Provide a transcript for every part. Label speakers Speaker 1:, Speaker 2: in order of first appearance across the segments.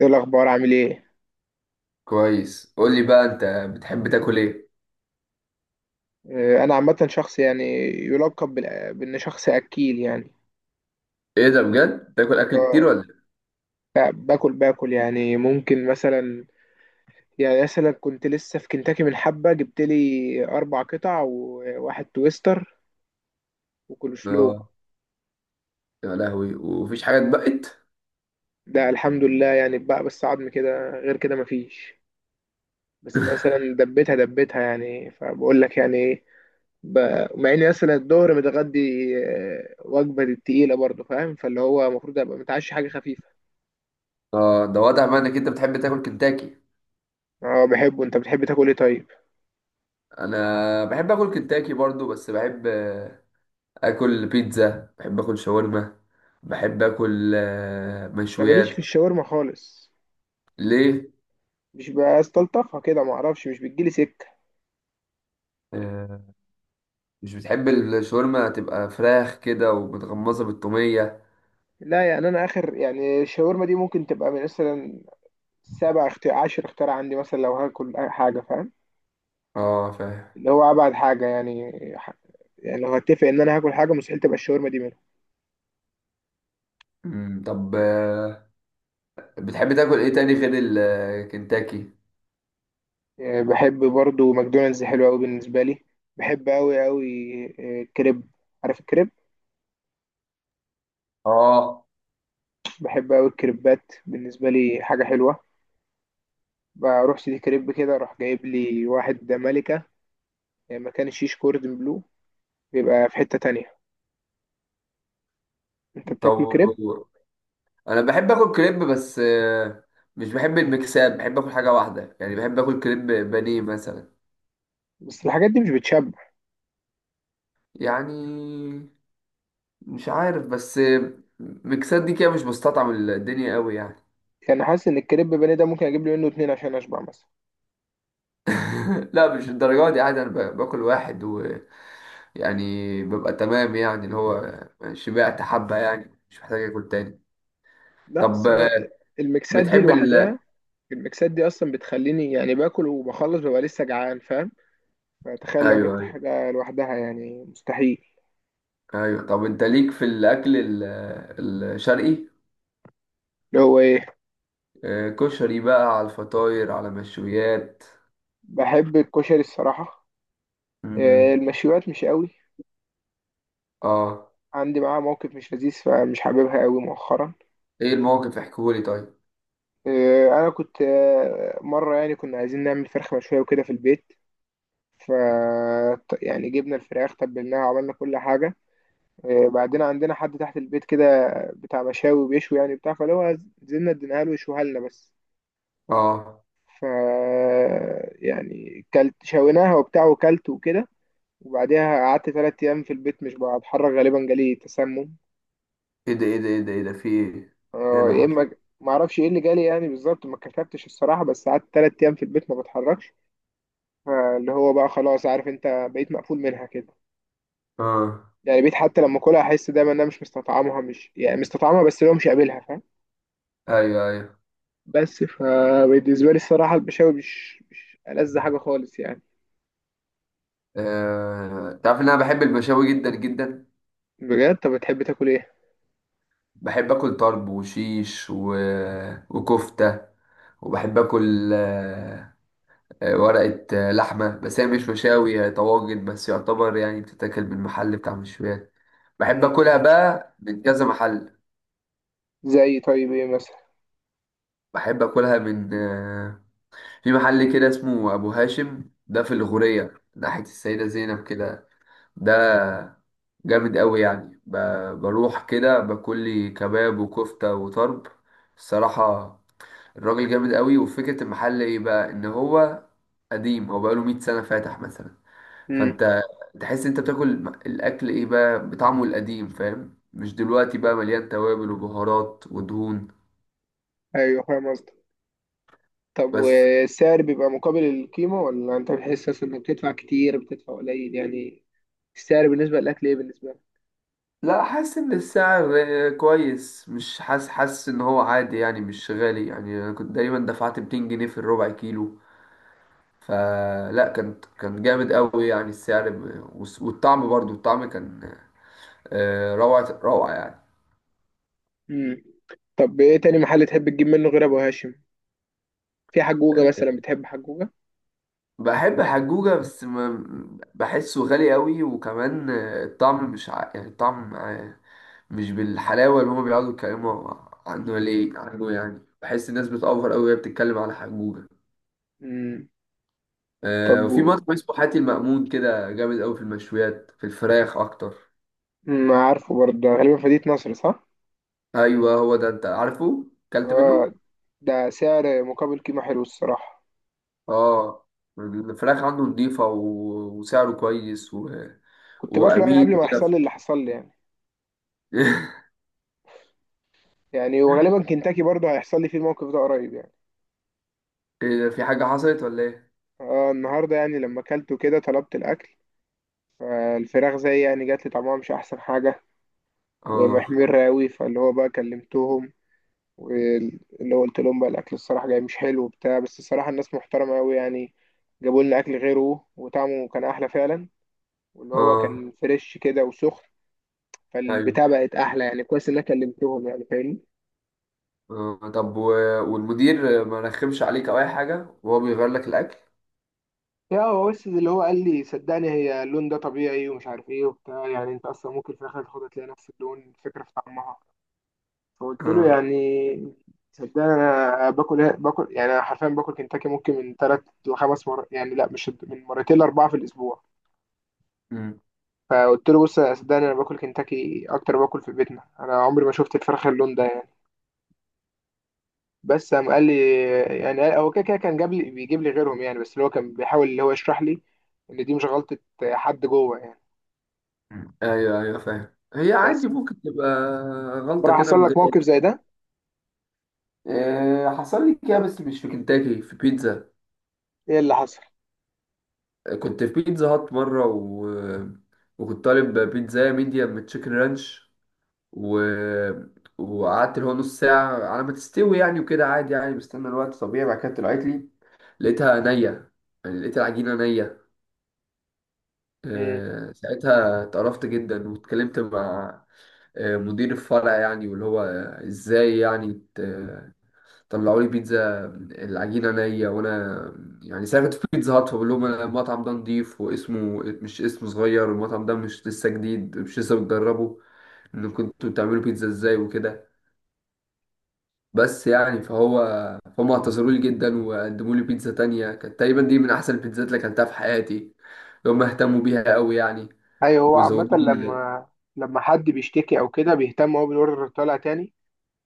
Speaker 1: ايه الاخبار، عامل ايه؟
Speaker 2: كويس. قول لي بقى، انت بتحب تاكل ايه؟
Speaker 1: انا عامه شخص يعني يلقب بان شخص اكيل يعني.
Speaker 2: ايه ده، بجد تاكل اكل كتير
Speaker 1: آه،
Speaker 2: ولا إيه؟
Speaker 1: باكل باكل يعني ممكن مثلا. يعني مثلا كنت لسه في كنتاكي، من حبه جبت لي 4 قطع وواحد تويستر وكول سلو.
Speaker 2: اه، يا لهوي، ومفيش حاجه اتبقت.
Speaker 1: ده الحمد لله يعني، بقى بس عظم كده، غير كده مفيش. بس مثلا دبيتها دبيتها يعني، فبقول لك يعني ايه، مع اني مثلا الظهر متغدي وجبه تقيله برضه، فاهم؟ فاللي هو المفروض ابقى متعشي حاجه خفيفه.
Speaker 2: اه، ده واضح بقى انك انت بتحب تاكل كنتاكي.
Speaker 1: اه بحبه. انت بتحب تاكل ايه طيب؟
Speaker 2: انا بحب اكل كنتاكي برضو، بس بحب اكل بيتزا، بحب اكل شاورما، بحب اكل
Speaker 1: انا ماليش في
Speaker 2: مشويات.
Speaker 1: الشاورما خالص.
Speaker 2: ليه؟
Speaker 1: مش بستلطفها كده، ما اعرفش، مش بتجيلي سكه.
Speaker 2: آه، مش بتحب الشاورما تبقى فراخ كده ومتغمسه بالتوميه؟
Speaker 1: لا يعني، انا اخر يعني الشاورما دي ممكن تبقى من مثلا 7 اختيار، 10 اختيار عندي مثلا، لو هاكل أي حاجه، فاهم؟
Speaker 2: اه، فاهم.
Speaker 1: اللي هو ابعد حاجه يعني. ح- يعني لو هتفق ان انا هاكل حاجه، مستحيل تبقى الشاورما دي منهم.
Speaker 2: طب، بتحب تاكل ايه تاني غير الكنتاكي؟
Speaker 1: بحب برضو ماكدونالدز، حلو قوي بالنسبه لي، بحب قوي قوي. كريب، عارف الكريب؟
Speaker 2: اه.
Speaker 1: بحب قوي الكريبات، بالنسبه لي حاجه حلوه. بروح سيدي كريب كده، اروح جايب لي واحد ملكة، يعني مكان الشيش، كوردن بلو. بيبقى في حتة تانية. انت بتاكل
Speaker 2: طب
Speaker 1: كريب؟
Speaker 2: انا بحب اكل كريب، بس مش بحب المكساب، بحب اكل حاجه واحده، يعني بحب اكل كريب بانيه مثلا.
Speaker 1: بس الحاجات دي مش بتشبع.
Speaker 2: يعني مش عارف، بس مكسات دي كده مش بستطعم الدنيا قوي يعني.
Speaker 1: يعني حاسس ان الكريب بني ده ممكن اجيب لي منه 2 عشان اشبع مثلا.
Speaker 2: لا، مش الدرجات دي، عادي انا باكل واحد ويعني ببقى تمام، يعني اللي هو شبعت حبه، يعني مش محتاج اكل تاني.
Speaker 1: لا
Speaker 2: طب،
Speaker 1: بس أنا، المكسات دي
Speaker 2: بتحب
Speaker 1: لوحدها، المكسات دي اصلا بتخليني يعني باكل وبخلص ببقى لسه جعان، فاهم؟ فتخيل لو
Speaker 2: ايوه،
Speaker 1: جبت
Speaker 2: ايوه،
Speaker 1: حاجة لوحدها، يعني مستحيل.
Speaker 2: ايوه. طب انت ليك في الاكل الشرقي؟
Speaker 1: اللي هو ايه؟
Speaker 2: كشري، بقى على الفطاير، على مشويات.
Speaker 1: بحب الكشري الصراحة. إيه،
Speaker 2: مم.
Speaker 1: المشويات مش قوي.
Speaker 2: اه.
Speaker 1: عندي معاها موقف مش لذيذ، فمش حاببها قوي مؤخرا.
Speaker 2: ايه الموقف؟ احكولي طيب.
Speaker 1: انا كنت، مره يعني كنا عايزين نعمل فرخه مشويه وكده في البيت. ف يعني جبنا الفراخ تبلناها وعملنا كل حاجه. بعدين عندنا حد تحت البيت كده، بتاع مشاوي بيشوي، يعني بتاع فاللي هو، نزلنا اديناها له يشويها لنا بس.
Speaker 2: اه.
Speaker 1: ف يعني كلت شويناها وبتاع وكلت وكده، وبعديها قعدت 3 ايام في البيت مش بتحرك، غالبا جالي تسمم.
Speaker 2: ايه ده، ايه ده، ايه ده، ايه ده، في ايه؟ ايه اللي
Speaker 1: يا
Speaker 2: حصل؟
Speaker 1: اما، ما اعرفش ايه اللي جالي يعني بالظبط، ما كتبتش الصراحه، بس قعدت 3 ايام في البيت ما بتحركش. فاللي هو بقى خلاص، عارف، انت بقيت مقفول منها كده.
Speaker 2: اه.
Speaker 1: يعني بقيت حتى لما اكلها احس دايما ان انا مش مستطعمها، مش يعني مستطعمها، بس اللي هو مش قابلها، فاهم؟
Speaker 2: ايوه، ايوه.
Speaker 1: بس فبالنسبه لي الصراحه البشاوي مش ألذ حاجه خالص يعني.
Speaker 2: تعرف ان انا بحب المشاوي جدا جدا.
Speaker 1: بجد؟ طب بتحب تاكل ايه؟
Speaker 2: بحب اكل طرب وشيش وكفته. وبحب اكل ورقه لحمه، بس هي مش مشاوي، هي طواجن بس، يعتبر يعني بتتاكل من محل بتاع مشويات. بحب
Speaker 1: مم.
Speaker 2: اكلها بقى من كذا محل.
Speaker 1: زي؟ طيب ايه مثلا؟
Speaker 2: بحب اكلها من في محل كده اسمه ابو هاشم، ده في الغورية ناحية السيدة زينب كده. ده جامد قوي يعني، بروح كده باكل لي كباب وكفتة وطرب، الصراحة. الراجل جامد قوي، وفكرة المحل ايه بقى، ان هو قديم، هو بقاله 100 سنة فاتح مثلا.
Speaker 1: امم.
Speaker 2: فانت تحس انت بتاكل الاكل ايه بقى بطعمه القديم، فاهم؟ مش دلوقتي بقى مليان توابل وبهارات ودهون.
Speaker 1: ايوه فاهم قصدك. طب
Speaker 2: بس
Speaker 1: والسعر بيبقى مقابل القيمه، ولا انت بتحس أصلاً انك بتدفع كتير بتدفع قليل يعني؟ السعر بالنسبه للاكل ايه بالنسبه لك؟
Speaker 2: لا، حاسس ان السعر كويس، مش حاسس، حاسس ان هو عادي يعني، مش غالي يعني. انا كنت دايما دفعت 200 جنيه في الربع كيلو، فلا، كان جامد قوي يعني السعر، والطعم برضو، الطعم كان روعة روعة يعني.
Speaker 1: امم. طب ايه تاني محل تحب تجيب منه غير ابو هاشم؟ في
Speaker 2: آه،
Speaker 1: حجوجة مثلا، بتحب حجوجة؟
Speaker 2: بحب حجوجة، بس بحسه غالي قوي، وكمان الطعم مش يعني الطعم مش بالحلاوة اللي هما بيقعدوا يتكلموا عنه، ليه عنه يعني، بحس الناس بتأفور قوي وهي بتتكلم على حجوجة.
Speaker 1: مم. طب
Speaker 2: آه، وفي مطعم اسمه حاتي المأمون كده جامد قوي في المشويات، في الفراخ اكتر.
Speaker 1: ما عارفه برضه ده غالبا فدية نصر، صح؟
Speaker 2: ايوه، هو ده. انت عارفه؟ اكلت
Speaker 1: اه.
Speaker 2: منه؟
Speaker 1: ده سعر مقابل قيمة، حلو الصراحة.
Speaker 2: اه. الفراخ عنده نضيفة وسعره كويس
Speaker 1: كنت باكله يعني قبل
Speaker 2: وامين
Speaker 1: ما يحصل
Speaker 2: كده.
Speaker 1: لي اللي حصل لي يعني. يعني وغالبا كنتاكي برضه هيحصل لي فيه الموقف ده قريب يعني.
Speaker 2: إيه ده؟ في حاجة حصلت ولا ايه؟
Speaker 1: اه، النهاردة يعني لما اكلته كده طلبت الأكل، فالفراخ زي يعني جات لي طعمها مش أحسن حاجة،
Speaker 2: اه،
Speaker 1: ومحمر راوي، فاللي هو بقى كلمتهم، واللي هو قلت لهم بقى الأكل الصراحة جاي مش حلو وبتاع. بس الصراحة الناس محترمة أوي يعني، جابوا لنا أكل غيره وطعمه كان أحلى فعلا، واللي هو
Speaker 2: اه،
Speaker 1: كان فريش كده وسخن. فالبتاع
Speaker 2: ايوه.
Speaker 1: بقت احلى يعني، كويس ان انا كلمتهم يعني، فاهمني؟
Speaker 2: آه. طب والمدير ما رخمش عليك او اي حاجة وهو بيغير لك الاكل؟
Speaker 1: يا هو بس اللي هو قال لي صدقني، هي اللون ده طبيعي ومش عارف ايه وبتاع، يعني انت اصلا ممكن في الاخر تاخدها تلاقي نفس اللون، فكره في طعمها. فقلت له
Speaker 2: اه.
Speaker 1: يعني صدقني انا باكل إيه؟ باكل يعني، انا حرفيا باكل كنتاكي ممكن من ثلاث لخمس مرات يعني، لا مش، من مرتين لاربعه في الاسبوع.
Speaker 2: أمم.
Speaker 1: فقلت له بص يا، صدقني انا باكل كنتاكي اكتر ما باكل في بيتنا، انا عمري ما شفت الفراخ اللون ده يعني. بس قام قال لي، يعني هو كده كده كان جاب لي، بيجيب لي غيرهم يعني، بس اللي هو كان بيحاول اللي هو يشرح لي ان دي مش غلطة حد جوه يعني.
Speaker 2: ايوه، ايوه، فاهم، هي
Speaker 1: بس
Speaker 2: عادي ممكن تبقى غلطة
Speaker 1: بقى
Speaker 2: كده
Speaker 1: حصل
Speaker 2: من
Speaker 1: لك
Speaker 2: غير...
Speaker 1: موقف زي ده؟
Speaker 2: حصل لي كده، بس مش في كنتاكي، في بيتزا.
Speaker 1: ايه اللي حصل؟
Speaker 2: كنت في بيتزا هات مرة وكنت طالب بيتزا ميديم من تشيكن رانش، و... وقعدت اللي هو نص ساعة على ما تستوي يعني، وكده عادي يعني، بستنى الوقت طبيعي. بعد كده طلعت لي، لقيتها نية، يعني لقيت العجينة نية.
Speaker 1: امم.
Speaker 2: ساعتها اتقرفت جدا واتكلمت مع مدير الفرع يعني، واللي هو ازاي يعني طلعوا لي بيتزا العجينه نيه؟ وانا يعني سافرت في بيتزا هات، بقول لهم أنا المطعم ده نضيف واسمه مش اسمه صغير، والمطعم ده مش لسه جديد، مش لسه بتجربه، ان كنتوا بتعملوا بيتزا ازاي وكده. بس يعني، فهو فهم، اعتذروا لي جدا وقدموا لي بيتزا تانية كانت تقريبا دي من احسن البيتزات اللي اكلتها في حياتي، هم اهتموا بيها قوي يعني
Speaker 1: ايوه، هو عامة
Speaker 2: وزودوني.
Speaker 1: لما حد بيشتكي او كده، بيهتم هو بالاوردر طالع تاني،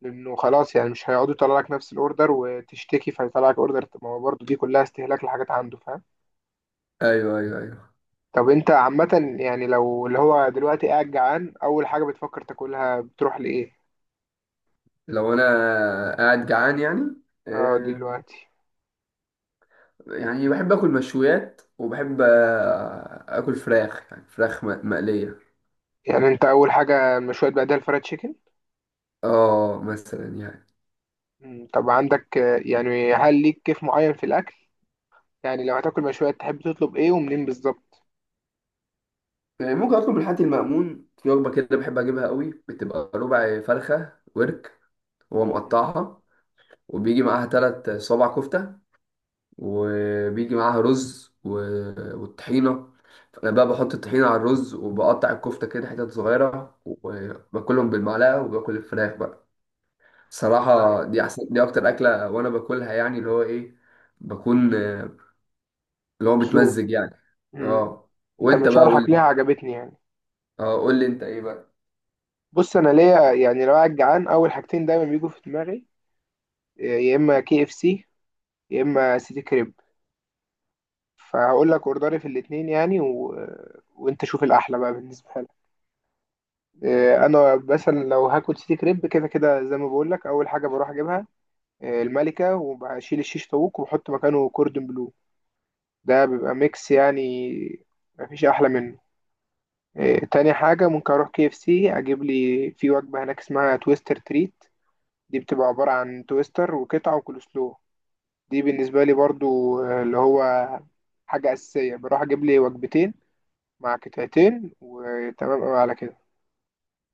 Speaker 1: لانه خلاص يعني مش هيقعدوا يطلع لك نفس الاوردر وتشتكي فيطلع لك اوردر، ما هو برضه دي كلها استهلاك لحاجات عنده، فاهم؟
Speaker 2: ايوه، ايوه، ايوه.
Speaker 1: طب انت عامة يعني لو اللي هو دلوقتي قاعد جعان، اول حاجة بتفكر تاكلها بتروح لايه؟
Speaker 2: لو انا قاعد جعان يعني.
Speaker 1: اه
Speaker 2: آه،
Speaker 1: دلوقتي.
Speaker 2: يعني بحب اكل مشويات، وبحب اكل فراخ، يعني فراخ مقليه.
Speaker 1: يعني انت اول حاجه مشويات، بعدها الفرايد تشيكن؟
Speaker 2: اه، مثلا يعني.
Speaker 1: طب عندك، يعني هل ليك كيف معين في الاكل؟ يعني لو هتاكل مشويات تحب تطلب ايه ومنين بالظبط؟
Speaker 2: يعني ممكن اطلب الحاتي المأمون في وجبه كده بحب اجيبها قوي، بتبقى ربع فرخه ورك، هو
Speaker 1: مم،
Speaker 2: مقطعها، وبيجي معاها 3 صوابع كفته، وبيجي معاها رز والطحينه. فانا بقى بحط الطحينه على الرز وبقطع الكفته كده حتت صغيره وباكلهم بالمعلقه وباكل الفراخ بقى.
Speaker 1: مم، طيب،
Speaker 2: صراحة دي أحسن، دي أكتر أكلة وأنا باكلها، يعني اللي هو إيه، بكون اللي هو
Speaker 1: مبسوط.
Speaker 2: متمزج يعني.
Speaker 1: مم،
Speaker 2: أه.
Speaker 1: انت
Speaker 2: وأنت
Speaker 1: من
Speaker 2: بقى قول
Speaker 1: شرحك ليها
Speaker 2: لي.
Speaker 1: عجبتني يعني.
Speaker 2: أه، قول لي أنت إيه بقى.
Speaker 1: بص انا ليا يعني، لو قاعد جعان اول حاجتين دايما بيجوا في دماغي، يا اما KFC، يا اما سيتي كريب. فهقول لك اوردري في الاتنين يعني وانت شوف الاحلى بقى بالنسبه لك. انا مثلا لو هاكل سيتي كريب، كده كده زي ما بقول لك اول حاجه بروح اجيبها الملكة، وبشيل الشيش طاووق وبحط مكانه كوردون بلو. ده بيبقى ميكس يعني، مفيش أحلى منه. تاني حاجة ممكن أروح KFC أجيب لي في وجبة هناك اسمها تويستر تريت. دي بتبقى عبارة عن تويستر وقطعة وكولسلو. دي بالنسبة لي برضو اللي هو حاجة أساسية، بروح أجيب لي وجبتين مع قطعتين وتمام أوي على كده.